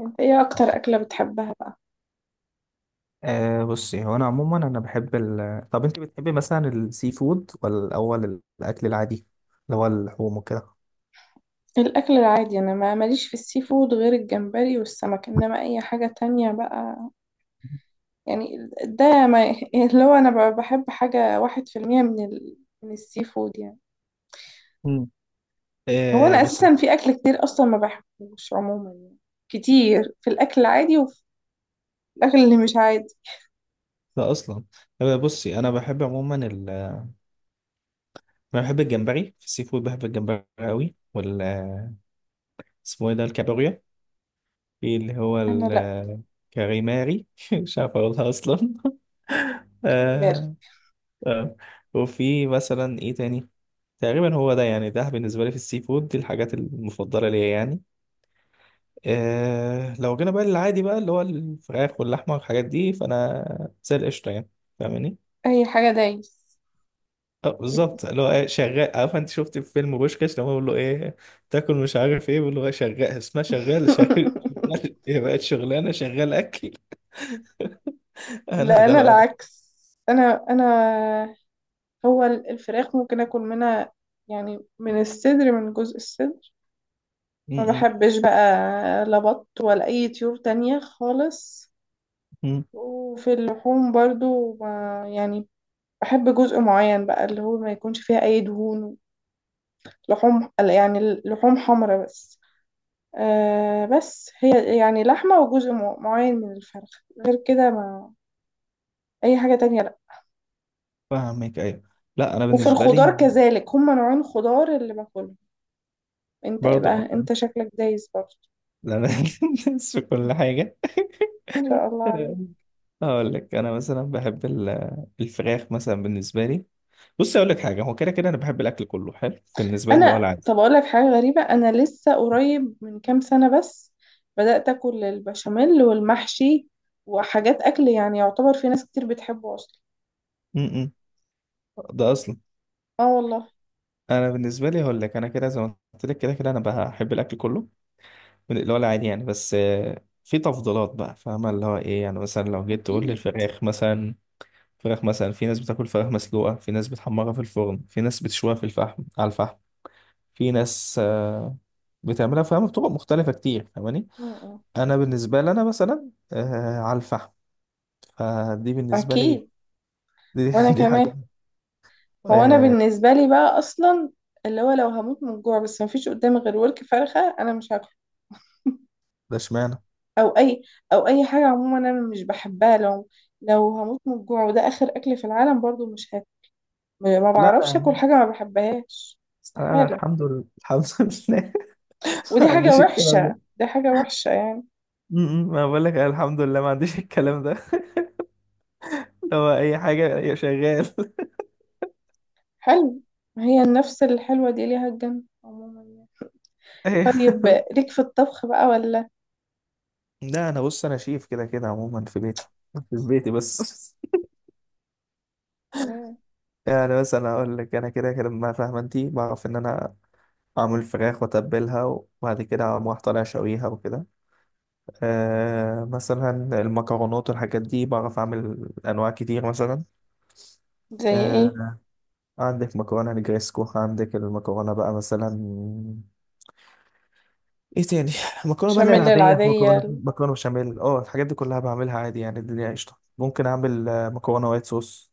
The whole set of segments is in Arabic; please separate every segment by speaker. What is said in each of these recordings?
Speaker 1: انت ايه اكتر اكلة بتحبها بقى؟
Speaker 2: بصي، هو انا عموما انا بحب طب انت بتحبي مثلا السي فود، ولا الاول الاكل العادي اللي هو اللحوم وكده؟
Speaker 1: الاكل العادي، انا ما ماليش في السي فود غير الجمبري والسمك، انما اي حاجة تانية بقى يعني ده ما يعني اللي هو انا بحب حاجة واحد في المية من من السي فود يعني.
Speaker 2: مم.
Speaker 1: هو
Speaker 2: أه
Speaker 1: انا
Speaker 2: بصي
Speaker 1: اساسا في اكل كتير اصلا ما بحبوش عموما يعني، كتير في الاكل العادي وفي الاكل اللي مش عادي.
Speaker 2: ده اصلا أه بصي، انا بحب عموما انا بحب الجمبري في السي فود، بحب الجمبري قوي، اسمه ايه ده؟ الكابوريا. في اللي هو
Speaker 1: انا لا،
Speaker 2: الكاريماري، مش عارف اقولها اصلا.
Speaker 1: كلمار.
Speaker 2: آه. آه. وفي مثلا ايه تاني؟ تقريبا هو ده، يعني ده بالنسبة لي في السي فود دي الحاجات المفضلة ليا يعني. إيه، لو جينا بقى للعادي بقى اللي هو الفراخ واللحمة والحاجات دي، فأنا زي القشطة يعني. فاهماني؟
Speaker 1: اي حاجة دايس.
Speaker 2: اه بالظبط، اللي هو ايه؟ شغال. عارف انت شفت في فيلم بوشكاش لما بيقول له ايه تاكل مش عارف ايه، بيقول له ايه؟ شغال. اسمها شغال، شغال. شغال ايه بقت شغلانه؟ شغال اكل. انا
Speaker 1: لا
Speaker 2: ده
Speaker 1: انا
Speaker 2: بقى انا.
Speaker 1: العكس. انا هو الفراخ ممكن اكل منها، يعني من الصدر، من جزء الصدر،
Speaker 2: م-
Speaker 1: ما
Speaker 2: م-
Speaker 1: بحبش بقى. لا بط ولا اي طيور تانية خالص.
Speaker 2: م.
Speaker 1: وفي اللحوم برضو يعني بحب جزء معين بقى اللي هو ما يكونش فيها اي دهون، لحوم يعني لحوم حمرا بس. بس هي يعني لحمة وجزء معين من الفرخ، غير كده ما، اي حاجة تانية لا.
Speaker 2: فاهمك، ايوه. لا، انا
Speaker 1: وفي
Speaker 2: بالنسبه لي،
Speaker 1: الخضار كذلك هما نوعين خضار اللي باكلهم. انت إيه
Speaker 2: برضه قلت؟
Speaker 1: بقى؟ انت شكلك دايس برضه.
Speaker 2: لا انا، بنسى كل حاجه.
Speaker 1: شاء الله عليك.
Speaker 2: هقول لك، انا مثلا بحب الفراخ مثلا بالنسبه لي. بص اقول لك حاجه، هو كده كده انا بحب الاكل كله، حلو بالنسبه لي اللي هو
Speaker 1: انا
Speaker 2: العادي.
Speaker 1: طب اقول لك حاجه غريبه، انا لسه قريب من كام سنه بس بدات اكل البشاميل والمحشي وحاجات اكل يعني يعتبر في ناس كتير بتحبه اصلا.
Speaker 2: م-م. ده اصلا.
Speaker 1: اه والله.
Speaker 2: انا بالنسبه لي هقول لك، انا كده زي ما قلت لك كده كده انا بحب الاكل كله من اللي هو العادي يعني. بس في تفضيلات بقى، فاهمه اللي هو ايه يعني؟ مثلا لو جيت تقول لي
Speaker 1: اكيد.
Speaker 2: الفراخ مثلا، فراخ مثلا في ناس بتاكل فراخ مسلوقه، في ناس بتحمرها في الفرن، في ناس بتشويها في الفحم على الفحم. في ناس بتعملها فاهمه بطرق مختلفه كتير. فاهماني؟
Speaker 1: م- م.
Speaker 2: انا بالنسبه لي، انا مثلا على الفحم. فدي بالنسبه لي،
Speaker 1: اكيد.
Speaker 2: دي،
Speaker 1: وانا
Speaker 2: دي حاجه.
Speaker 1: كمان. هو انا
Speaker 2: آه.
Speaker 1: بالنسبه لي بقى اصلا اللي هو لو هموت من الجوع بس مفيش قدامي غير ورك فرخه انا مش هاكله.
Speaker 2: ده اشمعنى.
Speaker 1: او اي، او اي حاجه عموما انا مش بحبها، لو لو هموت من الجوع وده اخر اكل في العالم برضو مش هاكل. ما
Speaker 2: لا، لا يا
Speaker 1: بعرفش اكل
Speaker 2: عم.
Speaker 1: حاجه ما بحبهاش،
Speaker 2: انا
Speaker 1: استحاله.
Speaker 2: الحمد لله، الحمد لله، ما
Speaker 1: ودي حاجه
Speaker 2: عنديش الكلام ده.
Speaker 1: وحشه، دي حاجه وحشه يعني.
Speaker 2: م- م. ما بقول لك أنا الحمد لله ما عنديش الكلام ده. اللي هو اي حاجه، أي شغال.
Speaker 1: حلو. ما هي النفس الحلوه دي ليها الجنه عموما يعني.
Speaker 2: اي.
Speaker 1: طيب ليك في الطبخ بقى ولا؟
Speaker 2: لا انا بص، انا شيف كده كده عموما في بيتي بس.
Speaker 1: سلام.
Speaker 2: يعني بس انا اقول لك، انا كده كده، ما فاهمه انت؟ بعرف ان انا اعمل فراخ واتبلها، وبعد كده اقوم رايح طالع شويها وكده. مثلا المكرونات والحاجات دي بعرف اعمل انواع كتير مثلا.
Speaker 1: زي
Speaker 2: آه،
Speaker 1: ايه؟
Speaker 2: عندك مكرونة نجريسكو، عندك المكرونة بقى مثلا، ايه تاني؟ مكرونة بقى اللي هي
Speaker 1: بشاميل
Speaker 2: العادية،
Speaker 1: العاديه.
Speaker 2: مكرونة بشاميل، الحاجات دي كلها بعملها عادي يعني، الدنيا قشطة. ممكن اعمل مكرونة وايت صوص.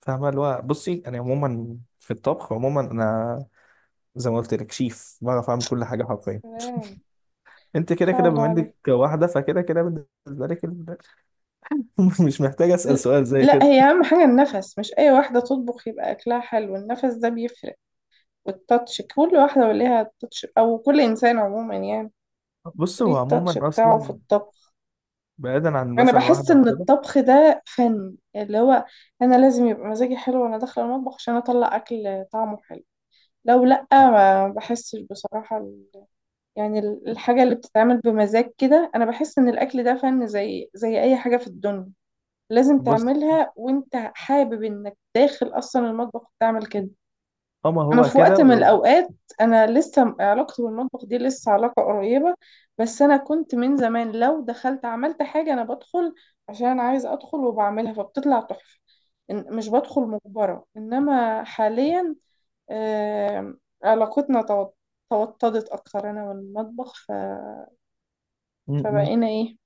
Speaker 2: فاهمة؟ اللي هو بصي، انا عموما في الطبخ، عموما انا زي ما قلت لك شيف، بعرف اعمل كل حاجة حرفيا.
Speaker 1: سلام.
Speaker 2: انت
Speaker 1: ان
Speaker 2: كده
Speaker 1: شاء
Speaker 2: كده
Speaker 1: الله
Speaker 2: بما انك
Speaker 1: عليك.
Speaker 2: واحدة، فكده كده بالنسبة لك مش محتاج اسأل
Speaker 1: ل-
Speaker 2: سؤال زي
Speaker 1: لا،
Speaker 2: كده.
Speaker 1: هي اهم حاجه النفس، مش اي واحده تطبخ يبقى اكلها حلو، النفس ده بيفرق، والتاتش، كل واحده وليها التاتش او كل انسان عموما يعني،
Speaker 2: بص هو
Speaker 1: وليه التاتش
Speaker 2: عموما
Speaker 1: بتاعه في
Speaker 2: اصلا
Speaker 1: الطبخ.
Speaker 2: بعيدا عن
Speaker 1: انا
Speaker 2: مثلا
Speaker 1: بحس
Speaker 2: واحدة او
Speaker 1: ان
Speaker 2: كده.
Speaker 1: الطبخ ده فن، اللي هو انا لازم يبقى مزاجي حلو وانا داخله المطبخ عشان اطلع اكل طعمه حلو، لو لا ما بحسش بصراحه يعني الحاجه اللي بتتعمل بمزاج كده. انا بحس ان الاكل ده فن، زي اي حاجه في الدنيا لازم
Speaker 2: بص
Speaker 1: تعملها وانت حابب انك داخل اصلا المطبخ وتعمل كده.
Speaker 2: هما
Speaker 1: انا
Speaker 2: هو
Speaker 1: في
Speaker 2: كده
Speaker 1: وقت من الاوقات، انا لسه علاقتي بالمطبخ دي لسه علاقة قريبة، بس انا كنت من زمان لو دخلت عملت حاجة انا بدخل عشان انا عايزة ادخل وبعملها فبتطلع تحفة. مش بدخل مجبرة، انما حاليا علاقتنا توطدت اكتر انا والمطبخ فبقينا ايه؟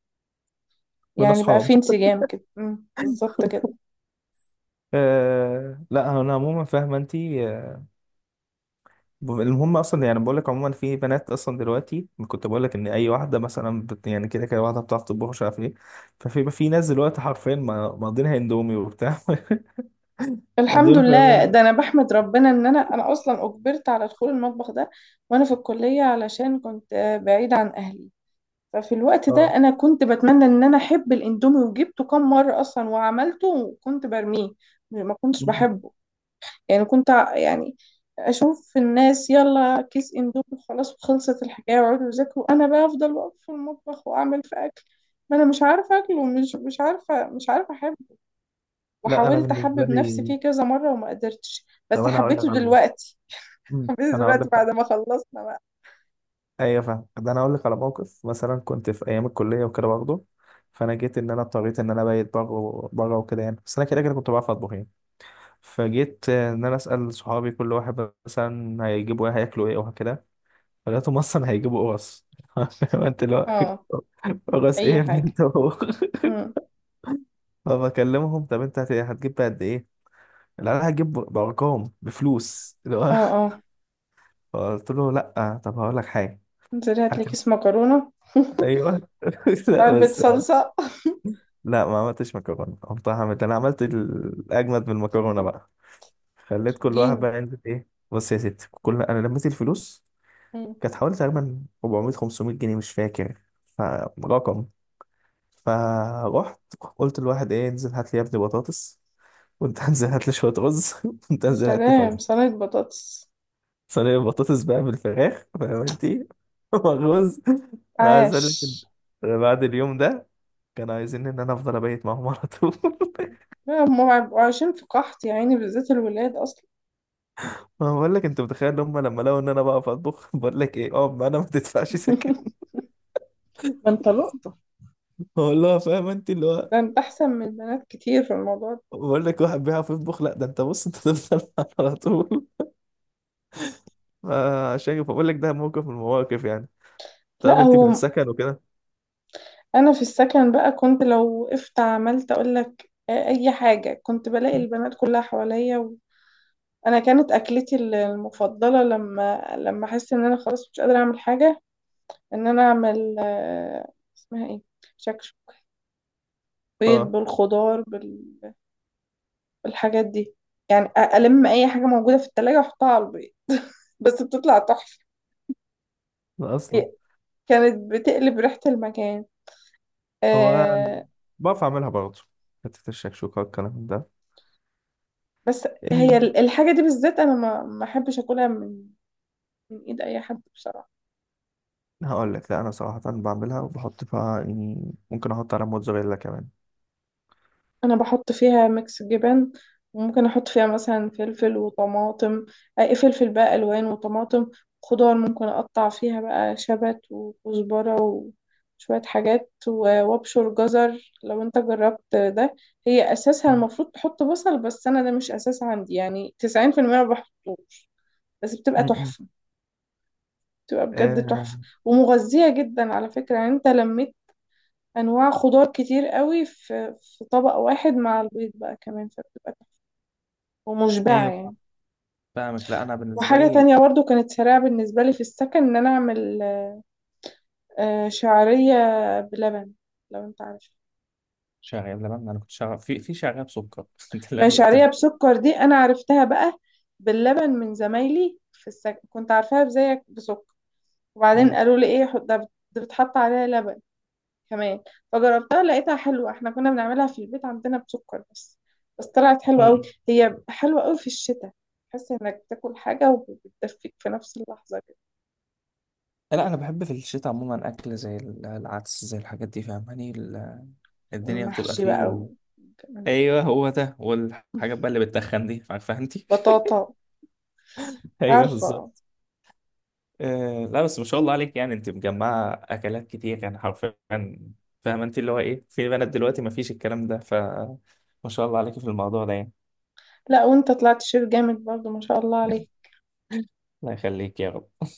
Speaker 2: بين
Speaker 1: يعني بقى
Speaker 2: اصحاب.
Speaker 1: في انسجام كده، بالظبط كده.
Speaker 2: لا، انا عموما فاهمه انت. المهم اصلا يعني، بقول لك عموما في بنات اصلا دلوقتي، كنت بقول لك ان اي واحده مثلا يعني كده كده واحده بتعرف تطبخ مش عارف ايه. ففي في ناس دلوقتي حرفيا ماضينها اندومي وبتاع.
Speaker 1: الحمد
Speaker 2: دول
Speaker 1: لله،
Speaker 2: فاهمه.
Speaker 1: ده انا بحمد ربنا ان انا اصلا اجبرت على دخول المطبخ ده وانا في الكليه، علشان كنت بعيده عن اهلي. ففي الوقت ده
Speaker 2: اه.
Speaker 1: انا كنت بتمنى ان انا احب الاندومي، وجبته كم مره اصلا وعملته وكنت برميه، ما كنتش
Speaker 2: م-
Speaker 1: بحبه. يعني كنت يعني اشوف الناس يلا كيس اندومي خلاص وخلصت الحكايه ويقعدوا يذاكروا، انا بقى افضل واقف في المطبخ واعمل في اكل، ما انا مش عارفه اكل، ومش مش عارفه، مش عارفه.
Speaker 2: لا انا
Speaker 1: وحاولت
Speaker 2: بالنسبه
Speaker 1: احبب نفسي
Speaker 2: لي،
Speaker 1: فيه كذا مرة وما قدرتش،
Speaker 2: طب
Speaker 1: بس
Speaker 2: انا هقول لك
Speaker 1: حبيته
Speaker 2: على موقف،
Speaker 1: دلوقتي.
Speaker 2: م،
Speaker 1: حبيته
Speaker 2: انا هقول
Speaker 1: دلوقتي
Speaker 2: لك.
Speaker 1: بعد ما خلصنا بقى.
Speaker 2: ايوه فاهم ده، انا هقول لك على موقف، مثلا كنت في ايام الكليه وكده برضه، فانا جيت ان انا اضطريت ان انا بايت بره بره وكده يعني. بس انا كده كده كنت بعرف اطبخ يعني، فجيت ان انا اسال صحابي، كل واحد مثلا هيجيبوا ايه، هياكلوا ايه، وهكذا، فلقيتهم اصلا هيجيبوا قرص. انت اللي
Speaker 1: اه.
Speaker 2: هو قرص ايه
Speaker 1: اي
Speaker 2: يا ابني
Speaker 1: حاجة.
Speaker 2: انت؟ هو
Speaker 1: مم.
Speaker 2: فبكلمهم، طب انت هتجيب بقى قد ايه؟ لا انا هجيب بارقام، بفلوس اللي هو.
Speaker 1: اه اه.
Speaker 2: فقلت له لا، طب هقول لك حاجه،
Speaker 1: انزلي هاتلي
Speaker 2: هات انت.
Speaker 1: كيس مكرونة.
Speaker 2: ايوه. لا
Speaker 1: علبة
Speaker 2: بس،
Speaker 1: صلصة.
Speaker 2: لا ما عملتش مكرونه، قمت عملت، انا عملت الاجمد من المكرونه بقى. خليت كل واحد
Speaker 1: جين.
Speaker 2: بقى ينزل ايه، بص يا ستي، كل انا لميت الفلوس،
Speaker 1: مم.
Speaker 2: كانت حوالي تقريبا 400 500 جنيه مش فاكر، فرقم. فروحت قلت لواحد، ايه انزل هات لي يا ابني بطاطس، وانت انزل هات لي شويه رز، وانت
Speaker 1: يا
Speaker 2: انزل هات لي فراخ.
Speaker 1: سلام، صينية بطاطس.
Speaker 2: صينيه بطاطس بقى بالفراخ، فاهم انت؟ والرز. انا عايز
Speaker 1: عاش.
Speaker 2: اقول لك إن أنا بعد اليوم ده كانوا عايزين ان انا افضل ابيت معاهم على طول.
Speaker 1: لا، هم بيبقوا عايشين في قحط يا عيني، بالذات الولاد اصلا.
Speaker 2: ما هو بقول لك، انت متخيل ان هم لما لقوا ان انا بقف اطبخ، بقول لك ايه؟ اه ما انا ما تدفعش سكن.
Speaker 1: ما انت لقطة.
Speaker 2: بقول لها، فاهم انت اللي هو،
Speaker 1: ده انت احسن من البنات كتير في الموضوع ده.
Speaker 2: بقول لك واحد بيعرف يطبخ، لا ده انت بص انت تفضل على طول. عشان كده بقول لك ده موقف من المواقف يعني. طب
Speaker 1: لا،
Speaker 2: انت في
Speaker 1: هو
Speaker 2: السكن وكده؟
Speaker 1: انا في السكن بقى، كنت لو وقفت عملت اقول لك اي حاجه كنت بلاقي البنات كلها حواليا انا كانت اكلتي المفضله لما احس ان انا خلاص مش قادره اعمل حاجه، ان انا اعمل اسمها ايه، شكشك، بيض
Speaker 2: اه.
Speaker 1: بالخضار بالحاجات دي، يعني أ- الم اي حاجه موجوده في التلاجة واحطها على البيض. بس بتطلع تحفه،
Speaker 2: لا اصلا
Speaker 1: هي كانت بتقلب ريحه المكان.
Speaker 2: هو
Speaker 1: آه،
Speaker 2: بعرف اعملها برضه، حته الشكشوكه والكلام ده.
Speaker 1: بس هي
Speaker 2: إيه،
Speaker 1: الحاجه دي بالذات انا ما احبش اكلها من، من ايد اي حد بصراحة.
Speaker 2: هقول لك، لا انا صراحه بعملها وبحط فيها يعني، ممكن احط على موتزاريلا كمان.
Speaker 1: انا بحط فيها ميكس جبن، وممكن احط فيها مثلا فلفل وطماطم، اي فلفل بقى الوان وطماطم، خضار ممكن اقطع فيها بقى شبت وكزبرة وشوية حاجات، وابشر جزر لو انت جربت ده. هي اساسها
Speaker 2: مم.
Speaker 1: المفروض تحط بصل، بس انا ده مش اساس عندي، يعني 90% ما بحطوش. بس بتبقى
Speaker 2: م-م.
Speaker 1: تحفة، بتبقى بجد
Speaker 2: آه.
Speaker 1: تحفة، ومغذية جدا على فكرة. يعني انت لما انواع خضار كتير قوي في طبق واحد مع البيض بقى كمان، فبتبقى تحفة ومشبعة
Speaker 2: ايوه
Speaker 1: يعني.
Speaker 2: فاهمك. لا انا بالنسبه
Speaker 1: وحاجة
Speaker 2: لي،
Speaker 1: تانية برضو كانت سريعة بالنسبة لي في السكن، ان انا اعمل شعرية بلبن، لو انت عارف.
Speaker 2: شغال لبن. انا كنت شغال في شغال سكر، ده اللي
Speaker 1: ما هي
Speaker 2: انا كنت
Speaker 1: شعرية بسكر دي انا عرفتها بقى باللبن من زمايلي في السكن، كنت عارفاها زيك بسكر، وبعدين
Speaker 2: مم.
Speaker 1: قالوا لي ايه، ده بتحط عليها لبن كمان. فجربتها لقيتها حلوة، احنا كنا بنعملها في البيت عندنا بسكر بس، بس طلعت حلوة قوي.
Speaker 2: مم.
Speaker 1: هي حلوة قوي في الشتاء، تحس انك بتاكل حاجة وبتدفيك في نفس اللحظة كده.
Speaker 2: لا، انا بحب في الشتاء عموما اكل زي العدس زي الحاجات دي. فاهماني؟ الدنيا بتبقى
Speaker 1: والمحشي بقى
Speaker 2: فيه.
Speaker 1: وكمان
Speaker 2: ايوه هو ده، والحاجات بقى اللي بتتخن دي، عارفه انت؟
Speaker 1: بطاطا،
Speaker 2: ايوه
Speaker 1: عارفة؟
Speaker 2: بالظبط. لا بس، ما شاء الله عليك يعني، انت مجمعه اكلات كتير يعني حرفيا. فاهمه انت اللي هو ايه، في بنات دلوقتي ما فيش الكلام ده، فما شاء الله عليك في الموضوع ده يعني.
Speaker 1: لا وانت طلعت شيف جامد برضو، ما شاء الله عليك.
Speaker 2: الله يخليك يا رب.